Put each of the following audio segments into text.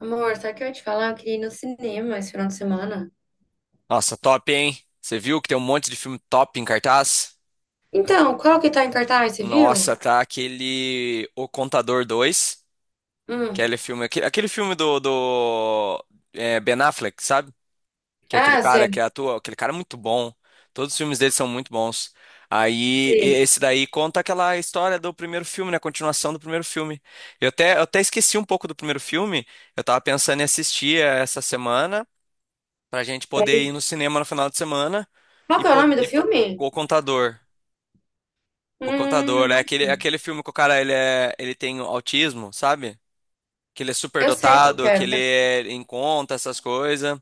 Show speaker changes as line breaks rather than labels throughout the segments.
Amor, sabe o que eu ia te falar? Eu queria ir no cinema esse final de semana.
Nossa, top, hein? Você viu que tem um monte de filme top em cartaz?
Então, qual que tá em cartaz, você viu?
Nossa, tá aquele O Contador 2, que
Hum.
é aquele filme, aquele filme do Ben Affleck, sabe? Que é aquele
Ah,
cara que
sei,
atua, aquele cara é muito bom. Todos os filmes dele são muito bons. Aí
sei.
esse daí conta aquela história do primeiro filme, né? A continuação do primeiro filme. Eu até esqueci um pouco do primeiro filme. Eu tava pensando em assistir essa semana. Pra gente
Pra
poder ir
gente...
no cinema no final de semana
Qual
e,
que é o
po-
nome do
e po-
filme?
o contador. O contador, é
Não
aquele,
sei.
aquele filme que o cara ele tem autismo, sabe? Que ele é super
Eu sei qual que
dotado,
é.
que ele é em conta, essas coisas.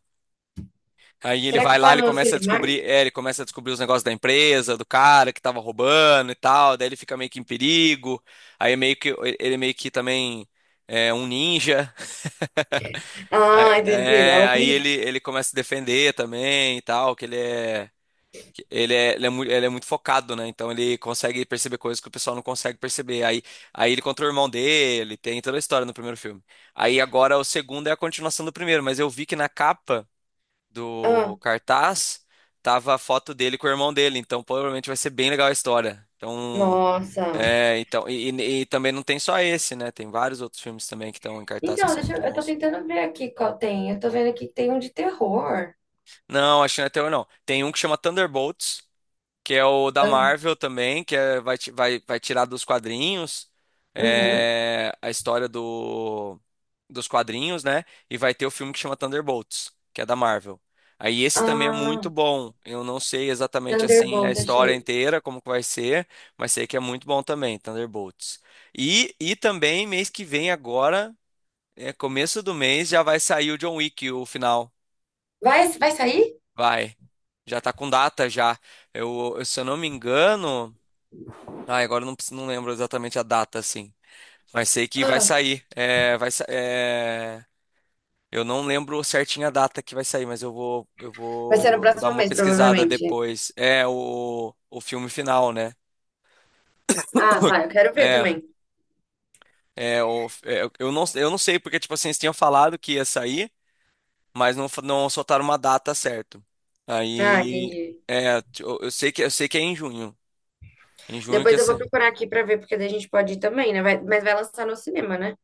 Aí ele
Será que
vai lá,
tá
ele
no
começa a
Cinemark?
descobrir os negócios da empresa, do cara que tava roubando e tal, daí ele fica meio que em perigo. Aí meio que ele meio que também é um ninja.
Ah,
É,
entendi. É
é,
o
aí
Mi.
ele começa a se defender também e tal, que ele é. Ele é muito focado, né? Então ele consegue perceber coisas que o pessoal não consegue perceber. Aí ele contra o irmão dele, tem toda a história no primeiro filme. Aí agora o segundo é a continuação do primeiro, mas eu vi que na capa
Ah,
do cartaz tava a foto dele com o irmão dele, então provavelmente vai ser bem legal a história. Então,
nossa.
é, então e, e- e também não tem só esse, né? Tem vários outros filmes também que estão em cartaz que
Então,
são
deixa
muito
eu tô
bons.
tentando ver aqui qual tem. Eu tô vendo aqui que tem um de terror.
Não, acho que não é terror, não. Tem um que chama Thunderbolts. Que é o da
Ah,
Marvel também, que é, vai tirar dos quadrinhos,
uhum.
a história dos quadrinhos, né? E vai ter o filme que chama Thunderbolts, que é da Marvel. Aí esse também é muito
Ah,
bom. Eu não sei exatamente assim a
Thunderbolt,
história
achei.
inteira, como que vai ser, mas sei que é muito bom também, Thunderbolts. E também mês que vem agora, começo do mês, já vai sair o John Wick, o final.
Vai sair?
Vai. Já tá com data já. Se eu não me engano. Ah, agora eu não, preciso- não lembro exatamente a data, assim. Mas sei que vai
Ah,
sair. Eu não lembro certinho a data que vai sair, mas eu vou, eu
vai ser no
vou dar
próximo
uma
mês,
pesquisada
provavelmente.
depois. É o filme final, né?
Ah, tá, eu quero ver
É,
também.
eu não sei, porque, tipo assim, eles tinham falado que ia sair, mas não soltaram uma data certa.
Ah,
Aí,
entendi.
eu sei que é em junho. Em junho que
Depois eu vou
essa.
procurar aqui pra ver, porque daí a gente pode ir também, né? Mas vai lançar no cinema, né?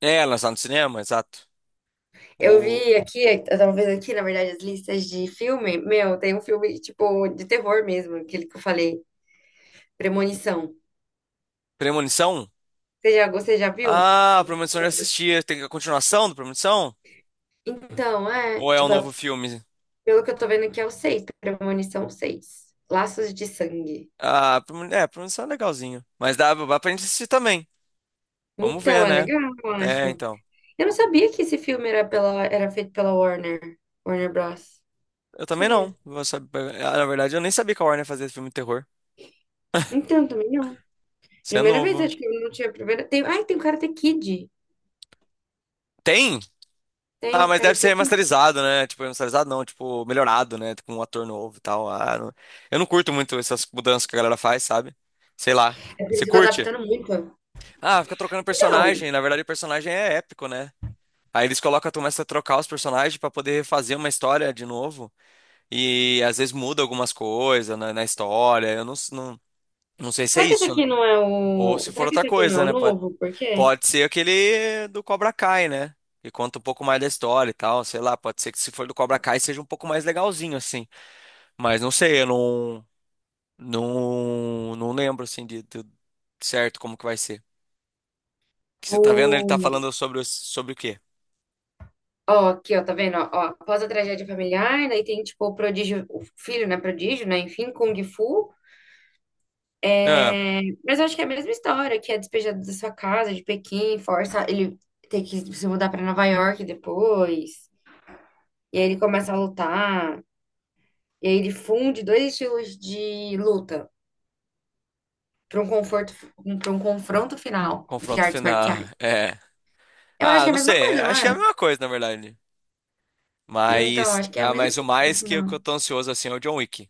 É, lançado no cinema, exato.
Eu
O
vi aqui, eu tava vendo aqui, na verdade, as listas de filme. Meu, tem um filme, tipo, de terror mesmo, aquele que eu falei, Premonição.
Premonição?
Você já viu?
Ah, Premonição eu já assisti. Tem a continuação do Premonição?
Então, é,
Ou é um
tipo, é-
novo filme?
Pelo que eu tô vendo aqui é o 6, Premonição seis. Laços de Sangue.
Ah, Premonição é legalzinho. Mas dá pra gente assistir também. Vamos
Então,
ver,
é
né?
legal, eu
É,
acho.
então.
Eu não sabia que esse filme era, pela, era feito pela Warner, Warner Bros.
Eu
Não
também não.
sabia.
Ah, na verdade, eu nem sabia que a Warner fazia filme de terror.
Então, também não.
Isso é
Primeira vez,
novo.
acho que eu não tinha primeira. Tem... Ai, tem o Karate Kid.
Tem? Ah,
Tem
mas deve ser
Karate Kid.
remasterizado, né? Tipo, remasterizado não, tipo, melhorado, né? Com um ator novo e tal. Ah, não- Eu não curto muito essas mudanças que a galera faz, sabe? Sei lá.
É por
Você
isso que eu tô
curte?
adaptando muito.
Ah, fica trocando
Então,
personagem. Na verdade, o personagem é épico, né? Aí eles colocam, começa a trocar os personagens pra poder fazer uma história de novo. E às vezes muda algumas coisas na história. Eu não, s- não, não sei se é isso, né? Ou se for
Será que
outra
esse aqui não é
coisa,
o
né? Pode,
novo? Por quê?
pode ser aquele do Cobra Kai, né? Que conta um pouco mais da história e tal, sei lá. Pode ser que se for do Cobra Kai seja um pouco mais legalzinho, assim. Mas não sei, eu não lembro, assim, certo como que vai ser. Que você tá vendo, ele
O...
tá falando sobre o quê?
Ó, aqui, ó, tá vendo? Ó, ó, após a tragédia familiar, daí tem, tipo, o prodígio, o filho, né, prodígio, né, enfim, Kung Fu.
Ah,
É, mas eu acho que é a mesma história, que é despejado da sua casa, de Pequim, força ele tem que se mudar pra Nova York depois, e aí ele começa a lutar. E aí ele funde dois estilos de luta para um conforto, para um confronto final de
confronto
artes
final.
marciais.
É.
Eu acho
Ah,
que é a
não
mesma
sei.
coisa, não
Acho que é a
é?
mesma coisa, na verdade.
Então,
Mas,
acho que é a
ah,
mesma
mas o
coisa no
mais que eu
final.
tô ansioso assim é o John Wick.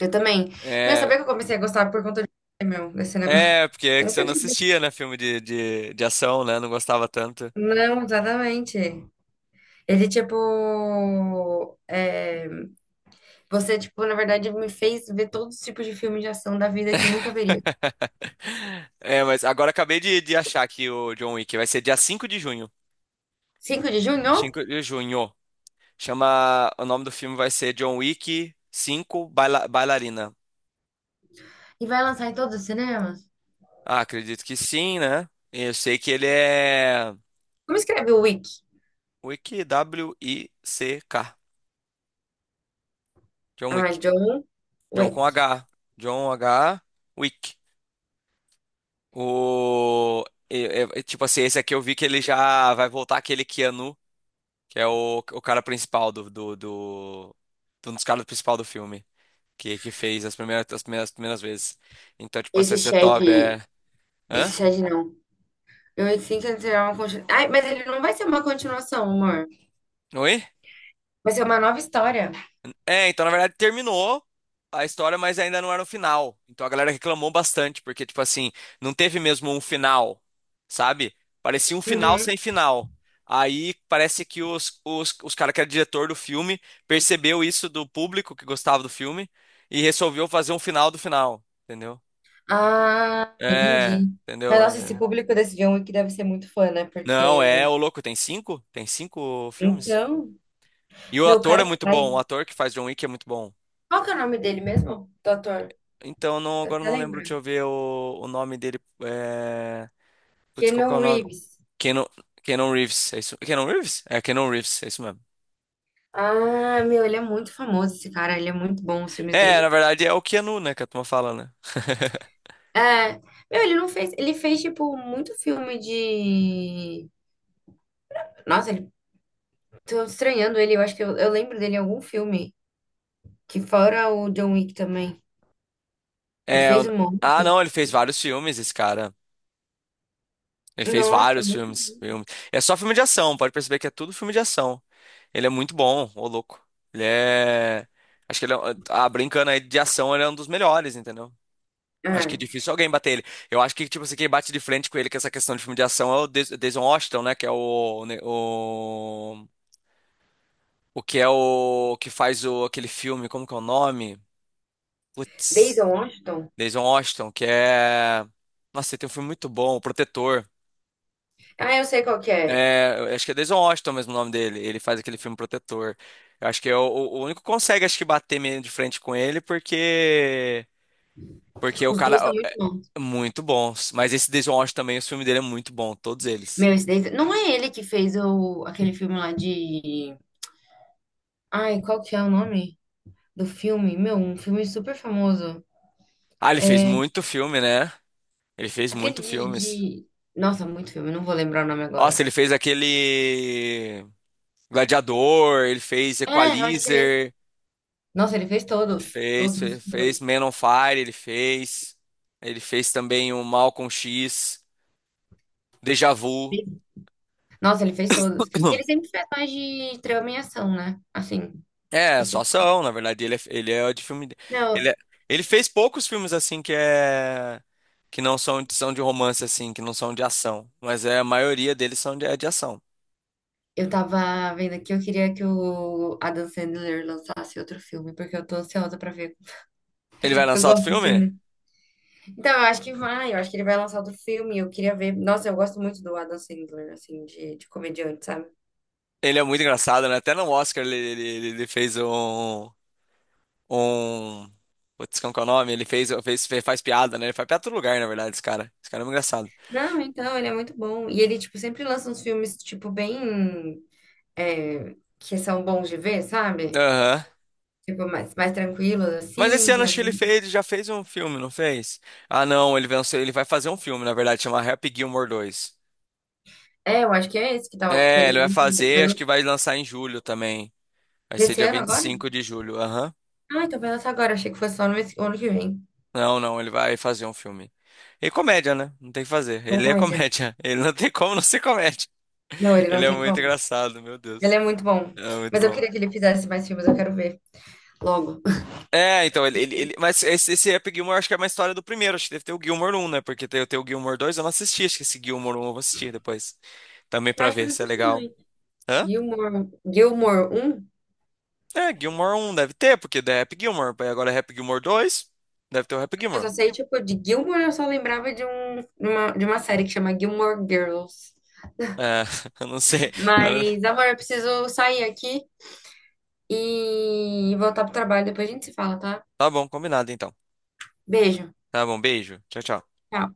Eu
O-
também. Meu,
É,
sabia que eu comecei a gostar por conta de meu, desse negócio?
é, porque é
Eu
que você
nunca
não
tinha visto.
assistia, né? Filme de ação, né? Não gostava tanto.
Não, exatamente. Ele, tipo. é, Você, tipo, na verdade, me fez ver todos os tipos de filmes de ação da vida que eu nunca veria.
É, mas agora acabei de achar aqui o John Wick. Vai ser dia cinco de junho.
5 de junho?
5 de junho. Chama. O nome do filme vai ser John Wick cinco Bailarina.
E vai lançar em todos os cinemas?
Ah, acredito que sim, né? Eu sei que ele é.
Como escreve o Wick?
Wick, W-I-C-K. John
Ah,
Wick.
John
John
Wick.
com H. John H. Wick. O... é- é- é tipo assim, esse aqui eu vi que ele já vai voltar aquele Keanu, que é o cara principal. Um dos caras principal do filme. Que fez as primeiras vezes. Então, tipo assim,
Esse
vai ser
Shed.
top. É... Hã?
Esse Shed não. Eu sinto que será uma continuação. Ai, mas ele não vai ser uma continuação, amor.
Oi?
Vai ser uma nova história.
É, então, na verdade, terminou a história, mas ainda não era o final. Então a galera reclamou bastante, porque, tipo assim, não teve mesmo um final, sabe? Parecia um final
Uhum.
sem final. Aí parece que os caras que era diretor do filme percebeu isso do público que gostava do filme e resolveu fazer um final do final, entendeu?
Ah,
É,
entendi. Mas
entendeu?
nossa, esse
É.
público desse John Wick deve ser muito fã, né?
Não, é,
Porque.
ô louco, tem cinco? Tem cinco filmes?
Então,
E o
meu o
ator
cara
é
que
muito
faz.
bom, o ator que faz John Wick é muito bom.
Qual que é o nome dele mesmo? Do ator?
Então, não,
Você
agora eu
até
não lembro,
lembra?
deixa eu ver o nome dele. É... Putz, qual que é o
Keanu
nome?
Reeves.
Keanu, Keanu Reeves, é isso? Keanu Reeves? É, Keanu Reeves, é isso mesmo.
Ah, meu, ele é muito famoso, esse cara. Ele é muito bom, os filmes
É, na
dele.
verdade é o Keanu, né, que a turma fala, né?
É. Meu, ele não fez. Ele fez, tipo, muito filme de. Nossa, ele Tô estranhando ele, eu acho que eu lembro dele em algum filme. Que fora o John Wick também. Ele
É, o-
fez um
ah,
monte.
não, ele fez vários filmes, esse cara. Ele fez
Nossa,
vários
muito.
filmes. É só filme de ação, pode perceber que é tudo filme de ação. Ele é muito bom, ô louco. Ele é. Acho que ele é. Ah, brincando aí de ação, ele é um dos melhores, entendeu? Acho
Ah,
que é difícil alguém bater ele. Eu acho que, tipo assim, quem bate de frente com ele com essa questão de filme de ação é o Denzel Washington, né? Que é o, né, o. O que é o. Que faz o, aquele filme, como que é o nome?
Denzel
Putz.
Washington?
Denzel Washington, que é. Nossa, ele tem um filme muito bom, O Protetor.
Ah, eu sei qual que é.
É, eu acho que é Denzel Washington mesmo o nome dele. Ele faz aquele filme Protetor. Eu acho que é o único que consegue, acho que, bater meio de frente com ele, porque. Porque o
Os dois são
cara.
muito
é
bons.
é muito bons. Mas esse Denzel Washington também, o filme dele é muito bom, todos eles.
Meu, esse Denzel... Não é ele que fez o... aquele filme lá de... Ai, qual que é o nome do filme? Meu, um filme super famoso.
Ah, ele fez
É
muito filme, né? Ele fez
aquele
muito
de...
filmes.
de- nossa, muito filme, não vou lembrar o nome
Nossa,
agora.
ele fez aquele Gladiador, ele fez
É, eu acho que é esse.
Equalizer,
Nossa, ele fez todos.
fez,
Todos
fe-
os
fez
filmes.
Man on Fire, ele fez. Ele fez também o Malcolm X, Deja Vu.
Nossa, ele fez todos. Ele sempre faz mais de trama e ação, né? Assim.
É, só
esse-
ação, na verdade, ele é de filme. Ele,
Não,
é- ele fez poucos filmes assim que não são, são de romance assim, que não são de ação, mas é a maioria deles são de ação.
eu tava vendo aqui, eu queria que o Adam Sandler lançasse outro filme, porque eu tô ansiosa pra ver.
Ele vai
Eu
lançar outro
gosto do
filme?
filme. Então, eu acho que ele vai lançar outro filme, eu queria ver. Nossa, eu gosto muito do Adam Sandler, assim, de comediante, sabe?
Ele é muito engraçado, né? Até no Oscar ele fez um, um. Putz, como que é o nome? Ele faz piada, né? Ele faz piada em todo lugar, na verdade, esse cara. Esse cara é muito engraçado.
Não, então, ele é muito bom. E ele, tipo, sempre lança uns filmes, tipo, bem... é, que são bons de ver, sabe?
Aham.
Tipo, mais tranquilos,
Mas esse
assim,
ano acho que ele
também.
fez, ele já fez um filme, não fez? Ah, não, ele vai fazer um filme, na verdade, chama Happy Gilmore dois.
É, eu acho que é esse que tava, que
É,
eles
ele vai
vão fazer.
fazer, acho que vai lançar em julho também. Vai ser
Desse
dia
ano
vinte e
agora?
cinco de julho, aham.
Ah, então vai lançar agora. Achei que fosse só no mês- ano que vem.
Não, não, ele vai fazer um filme. E comédia, né? Não tem o que fazer.
Oh
Ele é
my God.
comédia. Ele não tem como não ser comédia.
Não, ele
Ele
não
é
tem
muito
como.
engraçado, meu
Ele
Deus.
é muito bom.
É muito
Mas eu
bom.
queria que ele fizesse mais filmes, eu quero ver logo.
Mas esse Happy Gilmore acho que é uma história do primeiro. Acho que deve ter o Gilmore um, né? Porque tem o Gilmore 2. Eu não assisti. Acho que esse Gilmore um eu vou assistir depois. Também
Eu
pra
acho que eu
ver
não
se é
assisti
legal.
também.
Hã?
Gilmore, Gilmore 1?
É, Gilmore um deve ter, porque é Happy Gilmore. Aí agora é Happy Gilmore dois. Deve ter o Happy
Eu só
Gilmore.
sei, tipo, de Gilmore eu só lembrava de, um, de uma série que chama Gilmore Girls.
É, eu não sei. Agora-
Mas, amor, eu preciso sair aqui e voltar pro trabalho. Depois a gente se fala, tá?
Tá bom, combinado então.
Beijo.
Tá bom, beijo. Tchau, tchau.
Tchau.